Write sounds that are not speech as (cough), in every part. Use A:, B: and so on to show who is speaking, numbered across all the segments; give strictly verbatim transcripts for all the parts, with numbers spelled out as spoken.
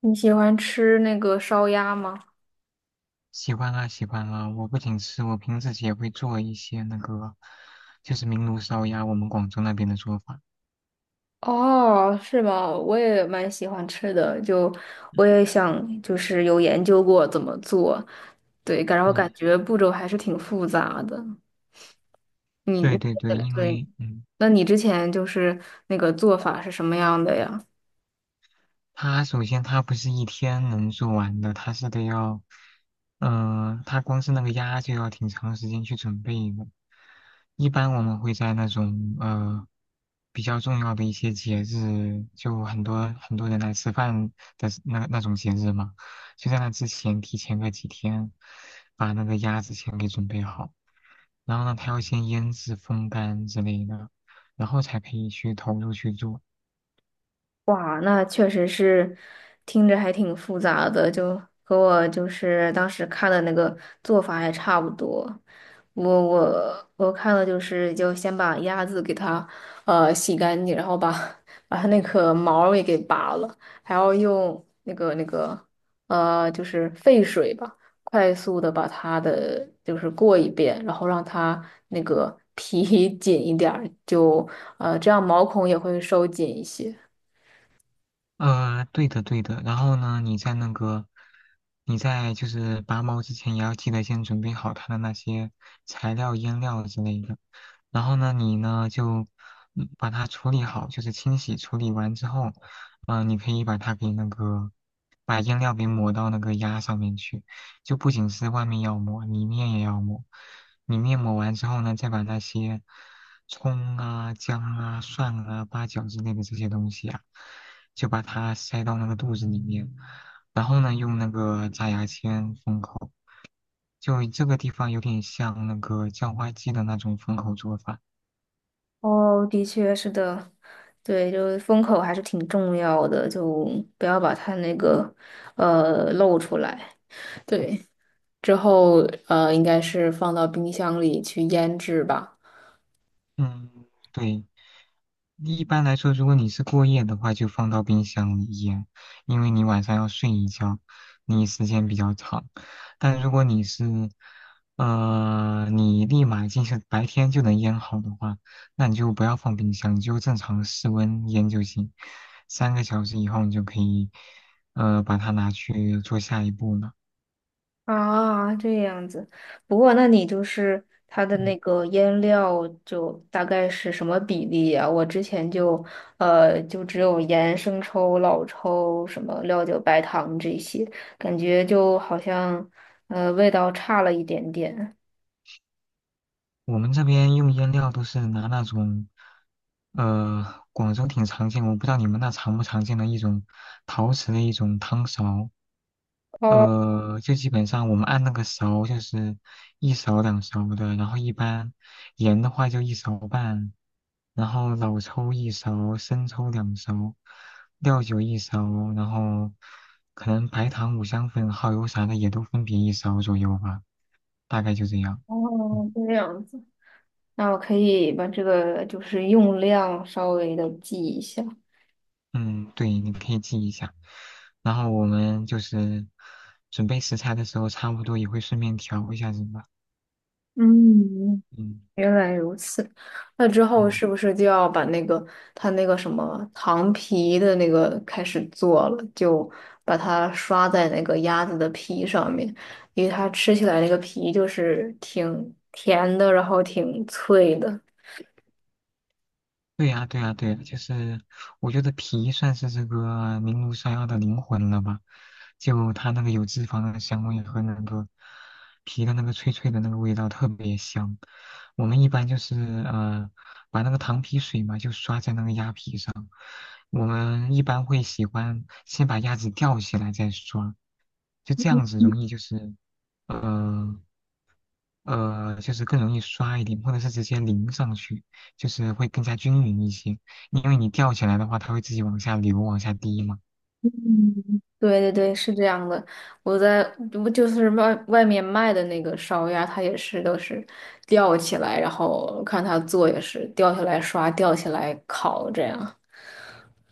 A: 你喜欢吃那个烧鸭吗？
B: 喜欢啊，喜欢啊！我不仅吃，我平时也会做一些那个，就是明炉烧鸭，我们广州那边的做法。
A: 哦，是吗？我也蛮喜欢吃的，就我也想，就是有研究过怎么做，对，然后感
B: 嗯，
A: 觉步骤还是挺复杂的。你，
B: 对
A: 你
B: 对对，因
A: 对，
B: 为嗯，
A: 那你之前就是那个做法是什么样的呀？
B: 它首先它不是一天能做完的，它是得要，嗯、它光是那个鸭就要挺长时间去准备的。一般我们会在那种呃比较重要的一些节日，就很多很多人来吃饭的那那种节日嘛，就在那之前提前个几天，把那个鸭子先给准备好，然后呢，它要先腌制、风干之类的，然后才可以去投入去做。
A: 哇，那确实是听着还挺复杂的，就和我就是当时看的那个做法还差不多。我我我看了就是就先把鸭子给它呃洗干净，然后把把它那个毛儿也给拔了，还要用那个那个呃就是沸水吧，快速的把它的就是过一遍，然后让它那个皮 (laughs) 紧一点儿，就呃这样毛孔也会收紧一些。
B: 呃，对的，对的。然后呢，你在那个，你在就是拔毛之前，也要记得先准备好它的那些材料、腌料之类的。然后呢，你呢就嗯把它处理好，就是清洗处理完之后，嗯，你可以把它给那个，把腌料给抹到那个鸭上面去，就不仅是外面要抹，里面也要抹。里面抹完之后呢，再把那些葱啊、姜啊、蒜啊、八角之类的这些东西啊。就把它塞到那个肚子里面，然后呢，用那个扎牙签封口，就这个地方有点像那个叫花鸡的那种封口做法。
A: 哦，的确是的，对，就是风口还是挺重要的，就不要把它那个呃露出来。对，之后呃，应该是放到冰箱里去腌制吧。
B: 嗯，对，一般来说，如果你是过夜的话，就放到冰箱里腌，因为你晚上要睡一觉，你时间比较长。但如果你是，呃，你立马进行白天就能腌好的话，那你就不要放冰箱，你就正常室温腌就行。三个小时以后，你就可以，呃，把它拿去做下一步了。
A: 啊，这样子。不过，那你就是它的那
B: 嗯。
A: 个腌料，就大概是什么比例呀？我之前就呃，就只有盐、生抽、老抽、什么料酒、白糖这些，感觉就好像呃味道差了一点点。
B: 我们这边用腌料都是拿那种，呃，广州挺常见，我不知道你们那常不常见的一种陶瓷的一种汤勺，
A: 哦
B: 呃，就基本上我们按那个勺就是一勺两勺的，然后一般盐的话就一勺半，然后老抽一勺，生抽两勺，料酒一勺，然后可能白糖、五香粉、耗油啥的也都分别一勺左右吧，大概就这样。嗯
A: 哦，这样子，那我可以把这个就是用量稍微的记一下。
B: 嗯，对，你可以记一下。然后我们就是准备食材的时候，差不多也会顺便调一下什么。
A: 嗯，
B: 嗯
A: 原来如此。那之后
B: 嗯，
A: 是不是就要把那个它那个什么糖皮的那个开始做了？就把它刷在那个鸭子的皮上面，因为它吃起来那个皮就是挺甜的，然后挺脆的。
B: 对呀对呀对呀，就是我觉得皮算是这个明炉山药的灵魂了吧，就它那个有脂肪的香味和那个皮的那个脆脆的那个味道特别香。我们一般就是呃把那个糖皮水嘛，就刷在那个鸭皮上。我们一般会喜欢先把鸭子吊起来再刷。就这样子容易就是，呃呃，就是更容易刷一点，或者是直接淋上去，就是会更加均匀一些。因为你吊起来的话，它会自己往下流、往下滴嘛。
A: 对对对，是这样的。我在不就是外外面卖的那个烧鸭，它也是都是吊起来，然后看它做也是吊起来刷，吊起来烤这样。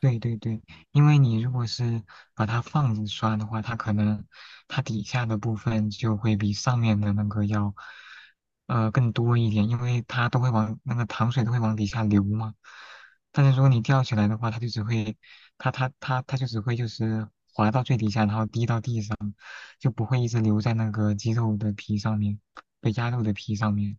B: 对对对，因为你如果是把它放着刷的话，它可能它底下的部分就会比上面的那个要，呃，更多一点，因为它都会往那个糖水都会往底下流嘛。但是如果你吊起来的话，它就只会，它它它它就只会就是滴到地上。就不会一直留在那个鸡肉的皮上面，被鸭肉的皮上面。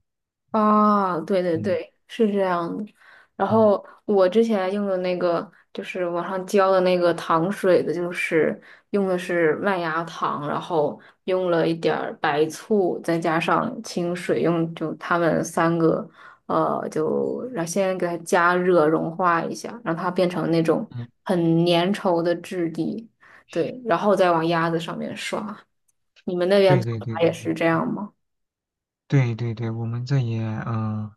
A: 啊，对对
B: 嗯
A: 对，是这样的。然
B: 嗯
A: 后我之前用的那个，就是网上教的那个糖水的，就是用的是麦芽糖，然后用了一点儿白醋，再加上清水，用就它们三个，呃，就然后先给它加热融化一下，让它变成那种
B: 嗯，
A: 很粘稠的质地，对，然后再往鸭子上面刷。你们那边
B: 对
A: 做
B: 对对
A: 法
B: 对
A: 也是这样吗？
B: 对对对对，我们这也嗯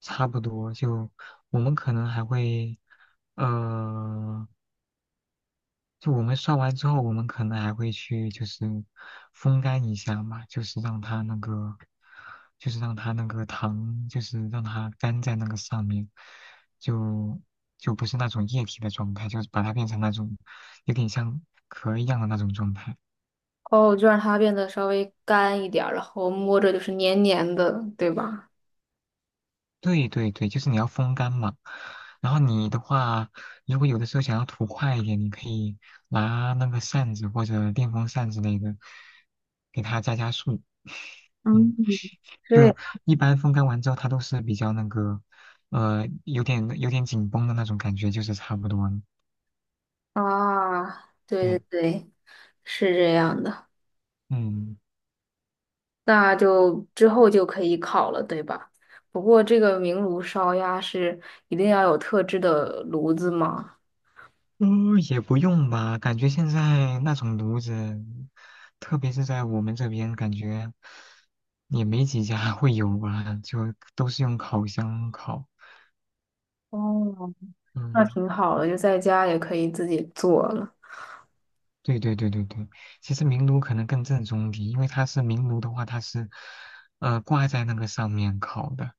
B: 差不多，就我们可能还会呃就我们刷完之后，我们可能还会去就是风干一下嘛，就是让它那个，就是让它那个糖，就是让它干在那个上面，就就不是那种液体的状态，就是把它变成那种有点像壳一样的那种状态。
A: 哦，就让它变得稍微干一点儿，然后摸着就是黏黏的，对吧？
B: 对对对，就是你要风干嘛。然后你的话，如果有的时候想要涂快一点，你可以拿那个扇子或者电风扇之类的，给它加加速。(laughs)
A: 嗯，
B: 嗯。
A: 对
B: 就一般风干完之后，它都是比较那个，呃，有点有点紧绷的那种感觉，就是差不多了。
A: 啊，对对
B: 对，
A: 对，是这样的。
B: 嗯，
A: 那就之后就可以烤了，对吧？不过这个明炉烧鸭是一定要有特制的炉子吗？
B: 呃，也不用吧，感觉现在那种炉子，特别是在我们这边，感觉也没几家会有吧，就都是用烤箱烤。
A: 哦，那
B: 嗯。
A: 挺好的，就在家也可以自己做了。
B: 对对对对对，其实明炉可能更正宗一点，因为它是明炉的话，它是呃挂在那个上面烤的，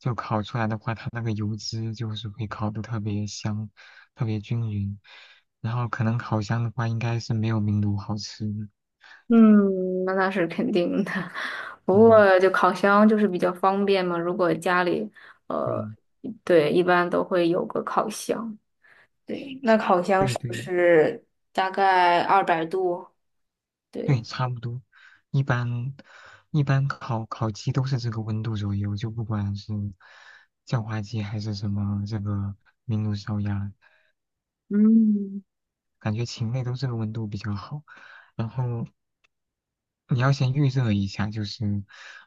B: 就烤出来的话，它那个油脂就是会烤的特别香，特别均匀。然后可能烤箱的话，应该是没有明炉好吃的
A: 嗯，那那是肯定的。(laughs) 不
B: 嗯，
A: 过就烤箱就是比较方便嘛，如果家里呃，
B: 对
A: 对，一般都会有个烤箱。对，那烤箱
B: 对
A: 是不
B: 对
A: 是大概二百度？对，
B: 对，差不多。一般一般烤烤鸡都是这个温度左右，就不管是叫花鸡还是什么这个明炉烧鸭。
A: 嗯，
B: 感觉禽类都这个温度比较好。然后你要先预热一下，就是，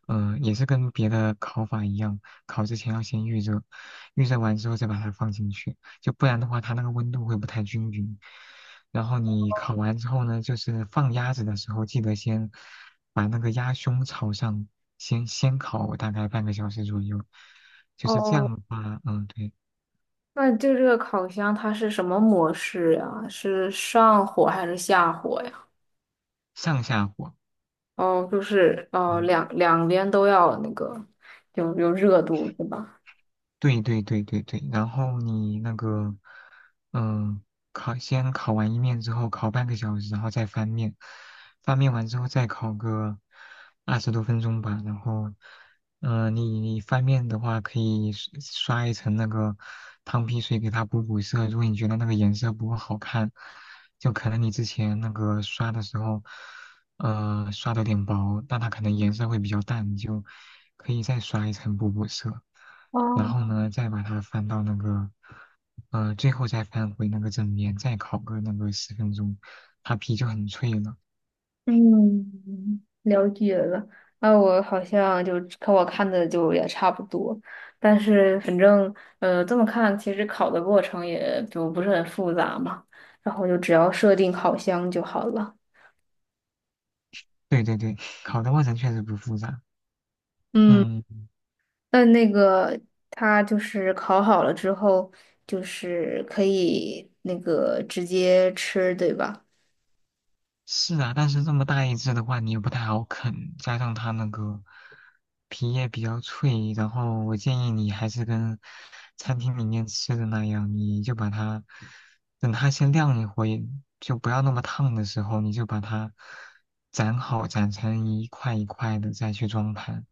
B: 嗯、也是跟别的烤法一样，烤之前要先预热，预热完之后再把它放进去，就不然的话它那个温度会不太均匀。然后你烤完之后呢，就是放鸭子的时候，记得先把那个鸭胸朝上，先先烤大概半个小时左右，就是这
A: 哦，
B: 样的话，嗯，对，
A: 那就这个烤箱它是什么模式呀？是上火还是下火呀？
B: 上下火，
A: 哦，就是哦，
B: 嗯。
A: 两两边都要那个有有热度是吧？
B: 对对对对对，然后你那个，嗯、烤先烤完一面之后，烤半个小时，然后再翻面，翻面完之后再烤个二十多分钟吧。然后，嗯、你你翻面的话，可以刷刷一层那个汤皮水给它补补色。如果你觉得那个颜色不够好看，就可能你之前那个刷的时候，呃，刷的有点薄，但它可能颜色会比较淡，你就可以再刷一层补补色。然
A: 哦，
B: 后呢，再把它翻到那个，呃，最后再翻回那个正面，再烤个那个十分钟，它皮就很脆了。
A: 嗯，了解了。那我好像就跟我看的就也差不多，但是反正呃这么看，其实烤的过程也就不是很复杂嘛，然后就只要设定烤箱就好了。
B: 对对对，(laughs) 烤的过程确实不复杂。
A: 嗯，
B: 嗯。
A: 那那个它就是烤好了之后，就是可以那个直接吃，对吧？
B: 是啊，但是这么大一只的话，你也不太好啃，加上它那个皮也比较脆，然后我建议你还是跟餐厅里面吃的那样，你就把它等它先晾一会，就不要那么烫的时候，你就把它斩好，斩成一块一块的再去装盘。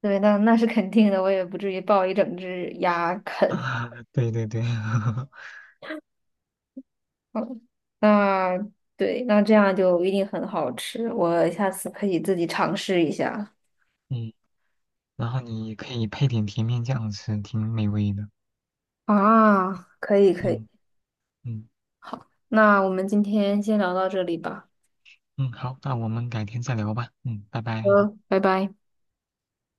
A: 对，那那是肯定的，我也不至于抱一整只鸭
B: (laughs)
A: 啃。
B: 啊，对对对，(laughs)
A: 嗯，那对，那这样就一定很好吃，我下次可以自己尝试一下。
B: 嗯，然后你可以配点甜面酱吃，挺美味的。
A: 啊，可以可以，
B: 嗯嗯
A: 那我们今天先聊到这里吧。
B: 嗯，好，那我们改天再聊吧。嗯，拜拜。
A: 嗯，拜拜。